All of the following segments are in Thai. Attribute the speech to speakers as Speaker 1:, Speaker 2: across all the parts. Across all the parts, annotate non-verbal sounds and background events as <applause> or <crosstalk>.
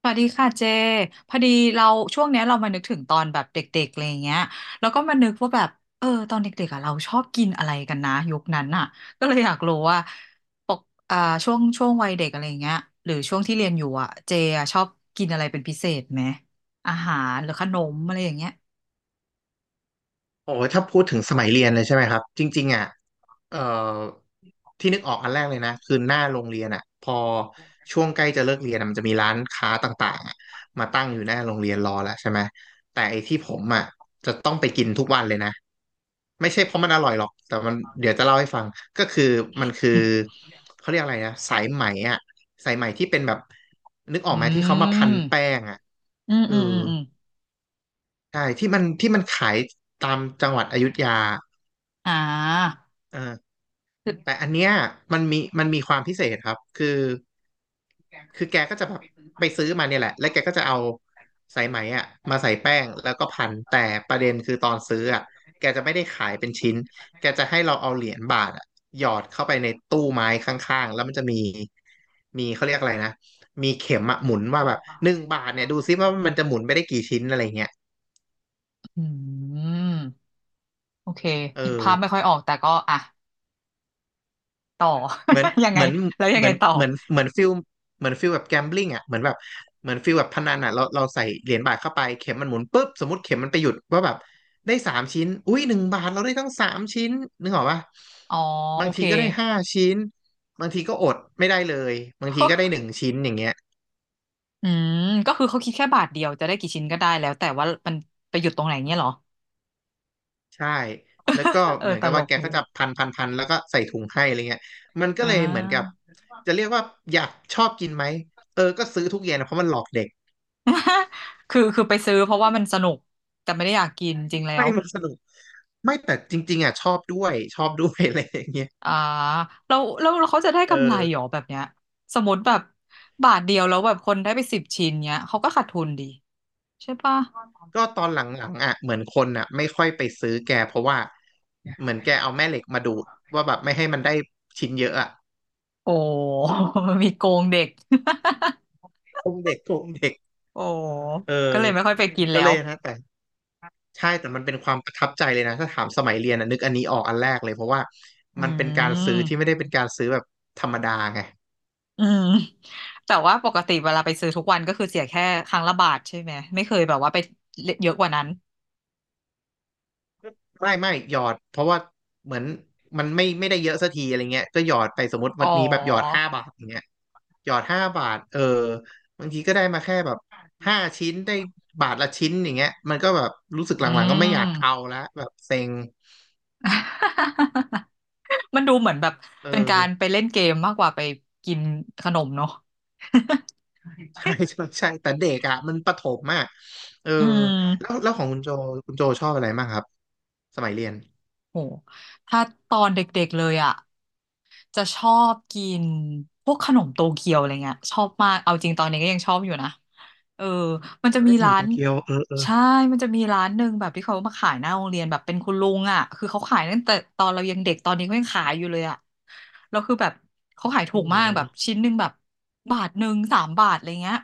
Speaker 1: สวัสดีค่ะเจพอดีเราช่วงเนี้ยเรามานึกถึงตอนแบบเด็กๆอะไรอย่างเงี้ยแล้วก็มานึกว่าแบบตอนเด็กๆอ่ะเราชอบกินอะไรกันนะยุคนั้นอ่ะก็เลยอยากรู้ว่าปกอ่าช่วงวัยเด็กอะไรอย่างเงี้ยหรือช่วงที่เรียนอยู่อ่ะเจอ่ะชอบกินอะไรเป็นพิเศษไหมอาหารหรือขนมอะไรอย่างเงี้ย <laughs>
Speaker 2: โอ้ยถ้าพูดถึงสมัยเรียนเลยใช่ไหมครับจริงๆอ่ะเอ่อที่นึกออกอันแรกเลยนะคือหน้าโรงเรียนอ่ะพอช่วงใกล้จะเลิกเรียนอะมันจะมีร้านค้าต่างๆอะมาตั้งอยู่หน้าโรงเรียนรอแล้วใช่ไหมแต่ไอ้ที่ผมอ่ะจะต้องไปกินทุกวันเลยนะไม่ใช่เพราะมันอร่อยหรอกแต่มันเดี๋ยวจะเล่าให้ฟังก็คือมันคือเขาเรียกอะไรนะสายไหมอ่ะสายไหมที่เป็นแบบนึกออ
Speaker 1: อื
Speaker 2: กไหมที่เขามาพัน
Speaker 1: ม
Speaker 2: แป้งอ่ะ
Speaker 1: อืม
Speaker 2: เออ
Speaker 1: อืมอืมอืม
Speaker 2: ใช่ที่มันขายตามจังหวัดอยุธยา
Speaker 1: อ่า
Speaker 2: อ่า
Speaker 1: คือ
Speaker 2: แต่อันเนี้ยมันมีความพิเศษครับคือแกก็จะแบบไปซื้อมาเนี่ยแหละแล้วแกก็จะเอาสายไหมอ่ะมาใส่แป้งแล้วก็พันแต่ประเด็นคือตอนซื้ออ่ะแกจะ
Speaker 1: อ
Speaker 2: ไม่ได้ขายเป็นชิ้นแกจะให้เราเอาเหรียญบาทอ่ะหยอดเข้าไปในตู้ไม้ข้างๆแล้วมันจะมีเขาเรียกอะไรนะมีเข็มอ่ะหมุนว่าแบบหนึ่งบาทเนี่ยดูซิว่ามันจะหมุนไปได้กี่ชิ้นอะไรเงี้ย
Speaker 1: ืมโอเค
Speaker 2: เอ
Speaker 1: นึก
Speaker 2: อ
Speaker 1: ภาพไม่ค่อยออกแต่ก็อ่ะต่อ
Speaker 2: เหมือน
Speaker 1: <laughs> ยัง
Speaker 2: เห
Speaker 1: ไง
Speaker 2: มือน
Speaker 1: แล้วยั
Speaker 2: เห
Speaker 1: ง
Speaker 2: มื
Speaker 1: ไง
Speaker 2: อน
Speaker 1: ต่อ
Speaker 2: เหมือนเหมือนฟิลเหมือนฟิลแบบแกมบลิ n งอ่ะเหมือนแบบเหมือนฟิลแบบพนันอ่ะเราใส่เหรียญบาทเข้าไปเข็มมันหมุนปุ๊บสมมติเข็มมันไปหยุดว่าแบบได้สามชิ้นอุ้ยหนึ่งบาทเราได้ทั้งสามชิ้นนึกออกปะ
Speaker 1: อ๋อโอ
Speaker 2: บาง
Speaker 1: เค
Speaker 2: ทีก็ได้ห้าชิ้นบางทีก็อดไม่ได้เลยบางทีก็ได้หนึ่ง
Speaker 1: <laughs>
Speaker 2: ชิ้นอย่างเงี้ย
Speaker 1: อืมก็คือเขาคิดแค่บาทเดียวจะได้กี่ชิ้นก็ได้แล้วแต่ว่ามันไปหยุดตรงไหนเงี้ยเหรอ
Speaker 2: ใช่แล้วก็
Speaker 1: <laughs>
Speaker 2: เหมือน
Speaker 1: ต
Speaker 2: กับ
Speaker 1: ล
Speaker 2: ว่า
Speaker 1: ก
Speaker 2: แก
Speaker 1: เล
Speaker 2: ก็
Speaker 1: ย
Speaker 2: จะพันพันพันแล้วก็ใส่ถุงให้อะไรเงี้ยมันก็
Speaker 1: อ่
Speaker 2: เลยเหมือนกับ
Speaker 1: า
Speaker 2: จะเรียกว่าอยากชอบกินไหมเออก็ซื้อทุกเย็นนะเพราะมันหลอกเด็ก
Speaker 1: <laughs> คือไปซื้อเพราะว่ามันสนุกแต่ไม่ได้อยากกินจริงแล้
Speaker 2: <laughs>
Speaker 1: ว
Speaker 2: ไม่มันสนุก ไม่แต่จริงๆอ่ะชอบด้วยชอบด้วย <laughs> อะไรอย่างเงี้ย
Speaker 1: อ่าแล้วเขาจะได้
Speaker 2: เอ
Speaker 1: กำไรหร
Speaker 2: อ
Speaker 1: อแบบเนี้ยสมมติแบบบาทเดียวแล้วแบบคนได้ไปสิบชิ้นเนี้ยเขาก็ขาดทุนดีใช่ปะ
Speaker 2: ก็ตอนหลังๆอ่ะเหมือนคนอ่ะไม่ค่อยไปซื้อแกเพราะว่าเหมือนแกเอาแม่เหล็กมาดูดว่าแบบไม่ให้มันได้ชิ้นเยอะอ่ะ
Speaker 1: โอ้ <laughs> มีโกงเด็ก
Speaker 2: โกงเด็กโกงเด็ก
Speaker 1: <laughs> โอ้
Speaker 2: เอ
Speaker 1: ก็เล
Speaker 2: อ
Speaker 1: ยไม่ค่อยไปกิน
Speaker 2: ก็
Speaker 1: แล้
Speaker 2: เล
Speaker 1: ว
Speaker 2: ยนะแต่ใช่แต่มันเป็นความประทับใจเลยนะถ้าถามสมัยเรียนอ่ะนึกอันนี้ออกอันแรกเลยเพราะว่า
Speaker 1: อื
Speaker 2: มันเป็นการซื้อที่ไม่
Speaker 1: ม
Speaker 2: ได้เป็นการซื้อแบบธรรมดาไง
Speaker 1: อืมแต่ว่าปกติเวลาไปซื้อทุกวันก็คือเสียแค่ครั้งละบาทใช่ไหมไม่เคยแบบว่าไปเยอะกว่านั้น
Speaker 2: ไม่หยอดเพราะว่าเหมือนมันไม่ได้เยอะสักทีอะไรเงี้ยก็หยอดไปสมมติ
Speaker 1: อ๋อ
Speaker 2: วันนี้แบบหยอดห้าบาทอย่างเงี้ยหยอดห้าบาทเออบางทีก็ได้มาแค่แบบห้าชิ้นได้บาทละชิ้นอย่างเงี้ยมันก็แบบรู้สึกห
Speaker 1: อื
Speaker 2: ลังๆก็ไม่อยากเอาละแบบเซ็ง
Speaker 1: ม <laughs> มันดูเหมือนแบบ
Speaker 2: เอ
Speaker 1: เป็นการ
Speaker 2: อ
Speaker 1: ไปเล่นเกมมากกว่าไปกินขนมเนาะ
Speaker 2: ใช่
Speaker 1: <laughs>
Speaker 2: ใช่ใช่แต่เด็กอ่ะมันประถมอ่ะเออ
Speaker 1: อื
Speaker 2: แล้ว
Speaker 1: ม
Speaker 2: แล้วของคุณโจชอบอะไรมากครับสมัยเรียน
Speaker 1: โหถ้าตอนเด็กๆเลยอ่ะ จะชอบกินพวกขนมโตเกียวอะไรเงี้ยชอบมากเอาจริงตอนนี้ก็ยังชอบอยู่นะเออมันจะมี
Speaker 2: เล่นสมุ
Speaker 1: ร้า
Speaker 2: นโต
Speaker 1: น
Speaker 2: เกียวเออเออ
Speaker 1: ใช่มันจะมีร้านหนึ่งแบบที่เขามาขายหน้าโรงเรียนแบบเป็นคุณลุงอ่ะคือเขาขายตั้งแต่ตอนเรายังเด็กตอนนี้ก็ยังขายอยู่เลยอ่ะแล้วคือแบบเขาขายถู
Speaker 2: อ๋อ
Speaker 1: ก
Speaker 2: เหรอ
Speaker 1: มากแบบชิ้นหนึ่งแบบบาทหนึ่งสามบาทอะไรเงี้ย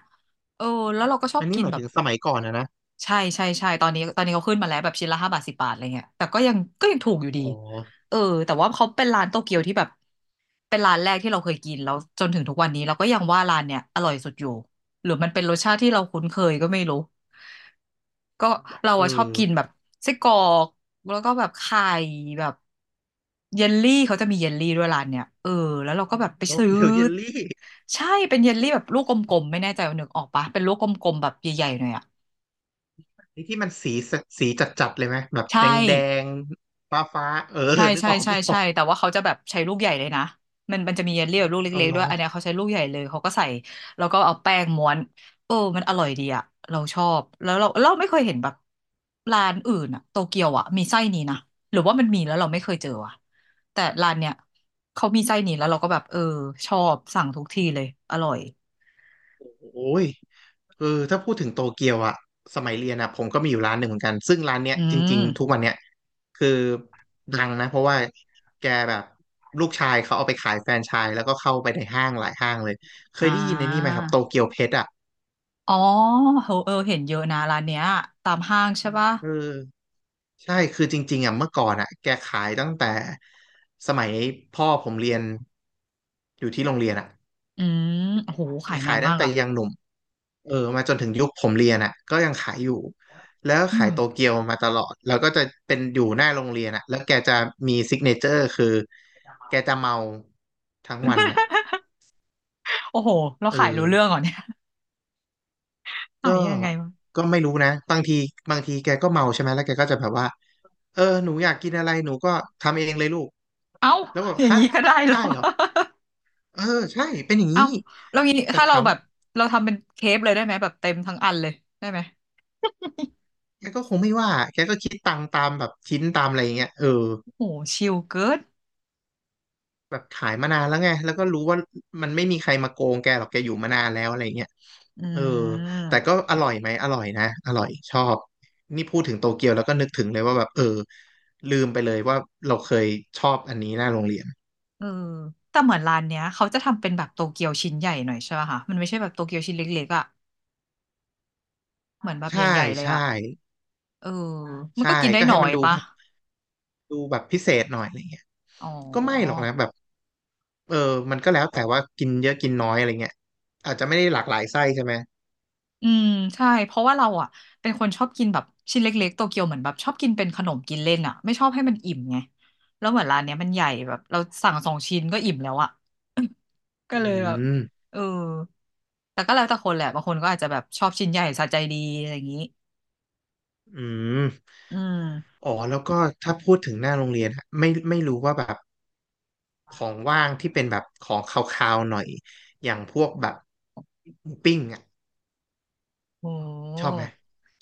Speaker 1: เออแล้วเราก็ชอบ
Speaker 2: อันนี้
Speaker 1: กิน
Speaker 2: หมาย
Speaker 1: แบบ
Speaker 2: ถึงสมัยก่อนนะนะ
Speaker 1: ใช่ใช่ใช่ตอนนี้ตอนนี้เขาขึ้นมาแล้วแบบชิ้นละห้าบาทสิบบาทอะไรเงี้ยแต่ก็ยังถูกอยู่ดี
Speaker 2: อ๋อ
Speaker 1: เออแต่ว่าเขาเป็นร้านโตเกียวที่แบบเป็นร้านแรกที่เราเคยกินแล้วจนถึงทุกวันนี้เราก็ยังว่าร้านเนี้ยอร่อยสุดอยู่หรือมันเป็นรสชาติที่เราคุ้นเคยก็ไม่รู้ก็เรา
Speaker 2: เอ
Speaker 1: อะชอบ
Speaker 2: อ
Speaker 1: กินแบบไส้กรอกแล้วก็แบบไข่แบบเยลลี่เขาจะมีเยลลี่ด้วยร้านเนี้ยแล้วเราก็แบบไป
Speaker 2: โต
Speaker 1: ซื้อ
Speaker 2: เกียวเยลลี่
Speaker 1: ใช่เป็นเยลลี่แบบลูกกลมๆไม่แน่ใจว่านึกออกปะเป็นลูกกลมๆแบบใหญ่ๆหน่อยอะ
Speaker 2: นี่ที่มันสีจัดๆเลยไหมแบบ
Speaker 1: ใช่
Speaker 2: แดงแดงฟ้าฟ้าๆเออ
Speaker 1: ใช่
Speaker 2: นึก
Speaker 1: ใช่
Speaker 2: ออก
Speaker 1: ใช่
Speaker 2: นึกอ
Speaker 1: ใช่
Speaker 2: อก
Speaker 1: แต่ว่าเขาจะแบบใช้ลูกใหญ่เลยนะมันจะมีเยลลี่กับลูก
Speaker 2: เอา
Speaker 1: เล็กๆด้ว
Speaker 2: ล้อ
Speaker 1: ยอันเนี้ยเขาใช้ลูกใหญ่เลยเขาก็ใส่แล้วก็เอาแป้งม้วนมันอร่อยดีอะเราชอบแล้วเราไม่เคยเห็นแบบร้านอื่นอะโตเกียวอะมีไส้นี้นะหรือว่ามันมีแล้วเราไม่เคยเจออะแต่ร้านเนี้ยเขามีไส้นี้แล้วเราก็แบบชอบสั่งทุกทีเลยอร่อย
Speaker 2: โอ้ยเออถ้าพูดถึงโตเกียวอะสมัยเรียนอะผมก็มีอยู่ร้านหนึ่งเหมือนกันซึ่งร้านเนี้ย
Speaker 1: อื
Speaker 2: จริง
Speaker 1: ม
Speaker 2: ๆทุกวันเนี้ยคือดังนะเพราะว่าแกแบบลูกชายเขาเอาไปขายแฟรนไชส์แล้วก็เข้าไปในห้างหลายห้างเลยเค
Speaker 1: อ่
Speaker 2: ยได้ยินในนี่ไหม
Speaker 1: า
Speaker 2: ครับโตเกียวเพชรอะ
Speaker 1: อ๋อเออเออเห็นเยอะนะร้านเนี้ยตามห้างใช่ปะ
Speaker 2: เออใช่คือจริงๆอ่ะเมื่อก่อนอ่ะแกขายตั้งแต่สมัยพ่อผมเรียนอยู่ที่โรงเรียนอ่ะ
Speaker 1: อืมโหขายนา
Speaker 2: ขา
Speaker 1: น
Speaker 2: ยตั้
Speaker 1: มา
Speaker 2: ง
Speaker 1: ก
Speaker 2: แต่
Speaker 1: อะ
Speaker 2: ยังหนุ่มเออมาจนถึงยุคผมเรียนอ่ะก็ยังขายอยู่แล้ว
Speaker 1: อื
Speaker 2: ขาย
Speaker 1: ม
Speaker 2: โตเกียวมาตลอดแล้วก็จะเป็นอยู่หน้าโรงเรียนอ่ะแล้วแกจะมีซิกเนเจอร์คือแกจะเมาทั้งวันอ่ะ
Speaker 1: <laughs> โอ้โห เรา
Speaker 2: เอ
Speaker 1: ขาย
Speaker 2: อ
Speaker 1: รู้เรื่องเหรอเนี่ยขา
Speaker 2: ก็
Speaker 1: ยยังไงวะ
Speaker 2: ก็ไม่รู้นะบางทีแกก็เมาใช่ไหมแล้วแกก็จะแบบว่าเออหนูอยากกินอะไรหนูก็ทำเองเลยลูก
Speaker 1: เอ้า
Speaker 2: แล้วแบอก
Speaker 1: อย่าง
Speaker 2: ฮะ
Speaker 1: นี้ก็ได้เหร
Speaker 2: ได้
Speaker 1: อ
Speaker 2: เหรอเออใช่เป็นอย่าง
Speaker 1: <laughs> เอ้า
Speaker 2: นี้
Speaker 1: แล้วงี้
Speaker 2: แต่
Speaker 1: ถ้าเรา
Speaker 2: ถาม
Speaker 1: แบบเราทำเป็นเคปเลยได้ไหมแบบเต็มทั้งอันเลยได้ไหม
Speaker 2: แกก็คงไม่ว่าแกก็คิดตังค์ตามแบบชิ้นตามอะไรอย่างเงี้ยเออ
Speaker 1: โอ้โหชิลเกิน
Speaker 2: แบบขายมานานแล้วไงแล้วก็รู้ว่ามันไม่มีใครมาโกงแกหรอกแกอยู่มานานแล้วอะไรเงี้ย
Speaker 1: อื
Speaker 2: เออแต่ก็
Speaker 1: ม
Speaker 2: อร่อยไหมอร่อยนะอร่อยชอบนี่พูดถึงโตเกียวแล้วก็นึกถึงเลยว่าแบบเออลืมไปเลยว่าเราเคยชอบอันนี้หน้าโรงเรียน
Speaker 1: เออแต่เหมือนร้านเนี้ยเขาจะทำเป็นแบบโตเกียวชิ้นใหญ่หน่อยใช่ป่ะคะมันไม่ใช่แบบโตเกียวชิ้นเล็กๆอ่ะเหมือนแบบให
Speaker 2: ใช่
Speaker 1: ญ่ๆเลย
Speaker 2: ใช่
Speaker 1: อ่ะเออมัน
Speaker 2: ใช่
Speaker 1: ก็กินได้
Speaker 2: ก็
Speaker 1: ห
Speaker 2: ให้
Speaker 1: น่อ
Speaker 2: มัน
Speaker 1: ย
Speaker 2: ดู
Speaker 1: ปะ
Speaker 2: แบบดูแบบพิเศษหน่อยอะไรเงี้ย
Speaker 1: อ๋อ
Speaker 2: ก็ไม่หรอกนะแบบเออมันก็แล้วแต่ว่ากินเยอะกินน้อยอะไรเงี้ยอาจจะไม่ได้หลากหลายไส้ใช่ไหม
Speaker 1: อืมใช่เพราะว่าเราอ่ะเป็นคนชอบกินแบบชิ้นเล็กๆโตเกียวเหมือนแบบชอบกินเป็นขนมกินเล่นอ่ะไม่ชอบให้มันอิ่มไงแล้วเหมือนร้านเนี้ยมันใหญ่แบบเราสั่งสองชิ้นก็อิ่มแล้วอ่ะก็
Speaker 2: อื
Speaker 1: เลยแบบ
Speaker 2: ม
Speaker 1: เออแต่ก็แล้วแต่คนแหละบางคนก็อาจจะแบบชอบชิ้นใหญ่สะใจดีอะไรอย่างนี้
Speaker 2: อืม
Speaker 1: อืม
Speaker 2: อ๋อแล้วก็ถ้าพูดถึงหน้าโรงเรียนอะไม่รู้ว่าแบบของว่างที่เป็นแบบของคาวๆหน่อยอย่างพวกแบบหมูปิ้งอ่ะ
Speaker 1: โอ้
Speaker 2: ชอบไหม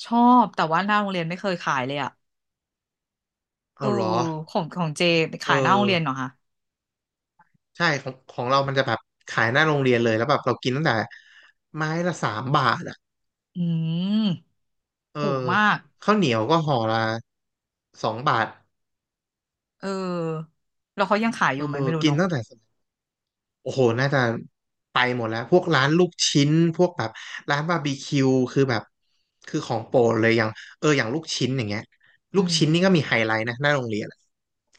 Speaker 1: ชอบแต่ว่าหน้าโรงเรียนไม่เคยขายเลยอ่ะเออ
Speaker 2: เอาเหรอ
Speaker 1: ของเจไป
Speaker 2: เอ
Speaker 1: ขายหน้าโรง
Speaker 2: อ
Speaker 1: เรียนเหรอคะ
Speaker 2: ใช่ของเรามันจะแบบขายหน้าโรงเรียนเลยแล้วแบบเรากินตั้งแต่ไม้ละสามบาทอ่ะ
Speaker 1: อืม
Speaker 2: เออ
Speaker 1: ถูกมาก
Speaker 2: ข้าวเหนียวก็ห่อละสองบาท
Speaker 1: เออแล้วเขายังขายอ
Speaker 2: เอ
Speaker 1: ยู่
Speaker 2: อ
Speaker 1: ไหมไม่รู้
Speaker 2: กิ
Speaker 1: เน
Speaker 2: น
Speaker 1: อะ
Speaker 2: ตั้งแต่ โอ้โหน่าจะไปหมดแล้วพวกร้านลูกชิ้นพวกแบบร้านบาร์บีคิวคือแบบคือของโปรดเลยอย่างเอออย่างลูกชิ้นอย่างเงี้ย
Speaker 1: อื
Speaker 2: ลูก
Speaker 1: ม
Speaker 2: ชิ้นนี่ก็มีไฮไลท์นะหน้าโรงเรียนอะ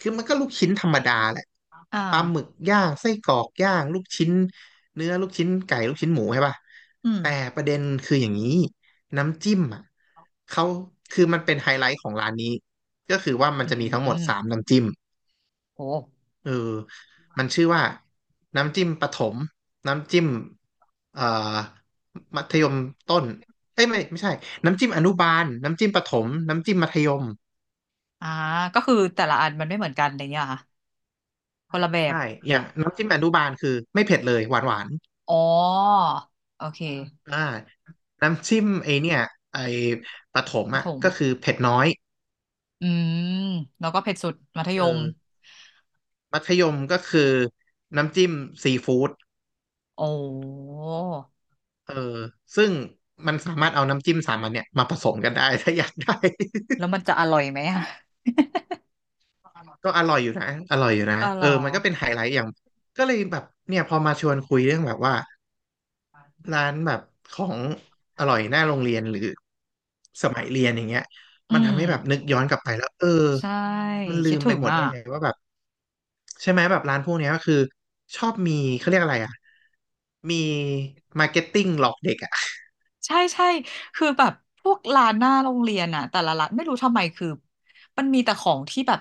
Speaker 2: คือมันก็ลูกชิ้นธรรมดาแหละ
Speaker 1: อ่า
Speaker 2: ปลาหมึกย่างไส้กรอกย่างลูกชิ้นเนื้อลูกชิ้นไก่ลูกชิ้นหมูใช่ป่ะ
Speaker 1: อืม
Speaker 2: แต่ประเด็นคืออย่างนี้น้ำจิ้มอ่ะเขาคือมันเป็นไฮไลท์ของร้านนี้ก็คือว่ามัน
Speaker 1: อื
Speaker 2: จะมีทั้งหมด
Speaker 1: ม
Speaker 2: สามน้ำจิ้ม
Speaker 1: โห
Speaker 2: เออมันชื่อว่าน้ำจิ้มประถมน้ำจิ้มเอ่อมัธยมต้นเอ้ยไม่ใช่น้ำจิ้มอนุบาลน้ำจิ้มประถมน้ำจิ้มมัธยม
Speaker 1: อ่าก็คือแต่ละอันมันไม่เหมือนกันอะไรเงี้ยเหรอค่ะคนละแบบ
Speaker 2: ใช่อย่างน้ำจิ้มอนุบาลคือไม่เผ็ดเลยหวานหวาน
Speaker 1: อ๋อโอเค
Speaker 2: อ่าน้ำจิ้มไอเนี่ยไอประถม
Speaker 1: ประ
Speaker 2: อ่ะ
Speaker 1: ถม
Speaker 2: ก็คือเผ็ดน้อย
Speaker 1: อืมแล้วก็เผ็ดสุด มัธ
Speaker 2: เอ
Speaker 1: ยม
Speaker 2: อมัธยมก็คือน้ำจิ้มซีฟู้ด
Speaker 1: โอ้
Speaker 2: เออซึ่งมันสามารถเอาน้ำจิ้มสามอันเนี่ยมาผสมกันได้ <laughs> ถ้าอยากได้
Speaker 1: แล้วมันจะอร่อยไหมอะอ
Speaker 2: ก็อร่อยอยู่นะอร่อยอยู่นะ
Speaker 1: ๋อเหร
Speaker 2: เออ
Speaker 1: อ
Speaker 2: มันก็เป็นไฮไลท์อย่างก็เลยแบบเนี่ยพอมาชวนคุยเรื่องแบบว่าร้านแบบของอร่อยหน้าโรงเรียนหรือสมัยเรียนอย่างเงี้ย
Speaker 1: อื
Speaker 2: มัน
Speaker 1: ม
Speaker 2: ทำให้แบบนึกย้อนกลับไปแล้วเออ
Speaker 1: ใช่
Speaker 2: มัน
Speaker 1: คิ
Speaker 2: ลื
Speaker 1: ด
Speaker 2: ม
Speaker 1: ถึ
Speaker 2: ไป
Speaker 1: ง
Speaker 2: หมด
Speaker 1: อ่ะ
Speaker 2: ได้ไงว่าแบบใช่ไหมแบบร้านพวกเนี้ยก็คือชอบมีเขาเรียกอะไรอ่ะมีมาร์เก็ตติ้งหลอกเด็กอ่ะ
Speaker 1: ใช่ใช่คือแบบพวกร้านหน้าโรงเรียนอ่ะ แต่ละร้านไม่รู้ทำไมคือ มันมีแต่ของที่แบบ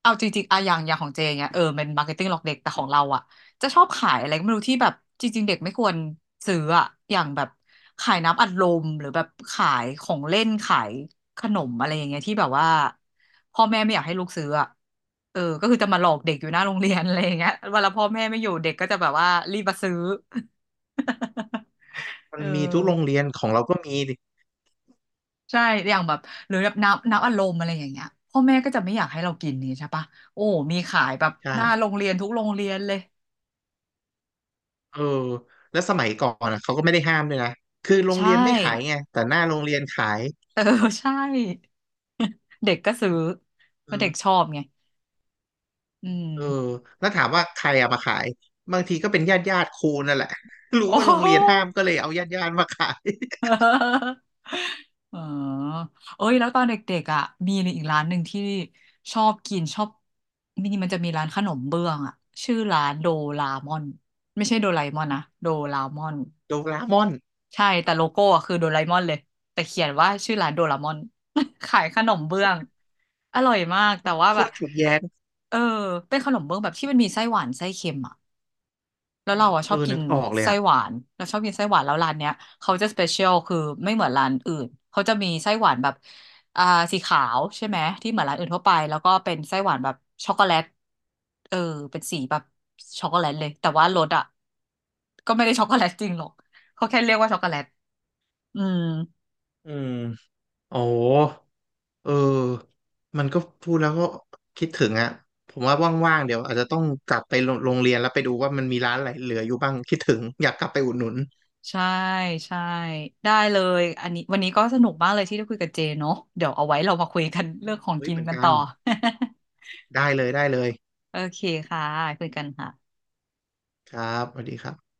Speaker 1: เอาจริงๆอะอย่างของเจเงี้ยเออเป็นมาร์เก็ตติ้งหลอกเด็กแต่ของเราอะจะชอบขายอะไรก็ไม่รู้ที่แบบจริงๆเด็กไม่ควรซื้ออะอย่างแบบขายน้ำอัดลมหรือแบบขายของเล่นขายขนมอะไรอย่างเงี้ยที่แบบว่าพ่อแม่ไม่อยากให้ลูกซื้ออะเออก็คือจะมาหลอกเด็กอยู่หน้าโรงเรียนอะไรอย่างเงี้ยเวลาพ่อแม่ไม่อยู่เด็กก็จะแบบว่ารีบมาซื้อ <laughs>
Speaker 2: มั
Speaker 1: เอ
Speaker 2: นมีทุกโรง
Speaker 1: อ
Speaker 2: เรียนของเราก็มีดิ
Speaker 1: ใช่อย่างแบบหรือแบบน้ำอัดลมอะไรอย่างเงี้ยพ่อแม่ก็จะไม่อยากให้เรากินนี่ใช่ปะโอ้มีขายแบบ
Speaker 2: ใช่
Speaker 1: หน้าโรงเรียนทุกโรงเรียนเลย
Speaker 2: เออแล้วสมัยก่อนอ่ะเขาก็ไม่ได้ห้ามด้วยนะคือโรง
Speaker 1: ใช่
Speaker 2: เรียนไม่ขายไงแต่หน้าโรงเรียนขาย
Speaker 1: <laughs> เออ ใช่ เด็กก็ซื้อเพ
Speaker 2: เอ
Speaker 1: ราะเด็ก
Speaker 2: อ
Speaker 1: ชอบไง อื
Speaker 2: เออ
Speaker 1: ม
Speaker 2: แล้วถามว่าใครเอามาขายบางทีก็เป็นญาติครูนั่นแหละ <laughs> รู้
Speaker 1: โอ้
Speaker 2: ว่า
Speaker 1: โห
Speaker 2: โรงเรียนห้ามก็เลยเอาญาติมาขาย <laughs>
Speaker 1: <laughs> เออเอ้ยแล้วตอนเด็กๆอ่ะมีอีกร้านหนึ่งที่ชอบกินชอบมินิมันจะมีร้านขนมเบื้องอ่ะชื่อร้านโดรามอน ไม่ใช่โดราเอมอนนะ โดรามอน
Speaker 2: โดราเอมอน
Speaker 1: ใช่แต่โลโก้อะคือโดราเอมอนเลยแต่เขียนว่าชื่อร้านโดราเอมอน <laughs> ขายขนมเบื้องอร่อยมากแต่ว่า
Speaker 2: โค
Speaker 1: แบบ
Speaker 2: ตรถูกแย้ง
Speaker 1: เออเป็นขนมเบื้องแบบที่มันมีไส้หวานไส้เค็มอ่ะแล้วเราอ่ะช
Speaker 2: เอ
Speaker 1: อบ
Speaker 2: อ
Speaker 1: กิ
Speaker 2: นึ
Speaker 1: น
Speaker 2: กออกเลย
Speaker 1: ไส้
Speaker 2: อ่ะ
Speaker 1: หวานเราชอบกินไส้หวานแล้วร้านเนี้ยเขาจะสเปเชียลคือไม่เหมือนร้านอื่นเขาจะมีไส้หวานแบบอ่าสีขาวใช่ไหมที่เหมือนร้านอื่นทั่วไปแล้วก็เป็นไส้หวานแบบช็อกโกแลตเออเป็นสีแบบช็อกโกแลตเลยแต่ว่ารสอ่ะก็ไม่ได้ช็อกโกแลตจริงหรอกเขาแค่เรียกว่าช็อกโกแลต อืม
Speaker 2: อืมโอ้เออมันก็พูดแล้วก็คิดถึงอ่ะผมว่าว่างๆเดี๋ยวอาจจะต้องกลับไปโรงเรียนแล้วไปดูว่ามันมีร้านอะไรเหลืออยู่บ้างคิดถึงอยากกลับไปอุดหนุน
Speaker 1: ใช่ใช่ได้เลยอันนี้วันนี้ก็สนุกมากเลยที่ได้คุยกับเจเนาะเดี๋ยวเอาไว้เรามาคุยกันเรื่องของ
Speaker 2: เฮ้ย
Speaker 1: กิ
Speaker 2: เห
Speaker 1: น
Speaker 2: มือน
Speaker 1: กัน
Speaker 2: กั
Speaker 1: ต่
Speaker 2: น
Speaker 1: อ <laughs>
Speaker 2: ได้เลย
Speaker 1: โอเคค่ะคุยกันค่ะ
Speaker 2: ครับสวัสดีครับ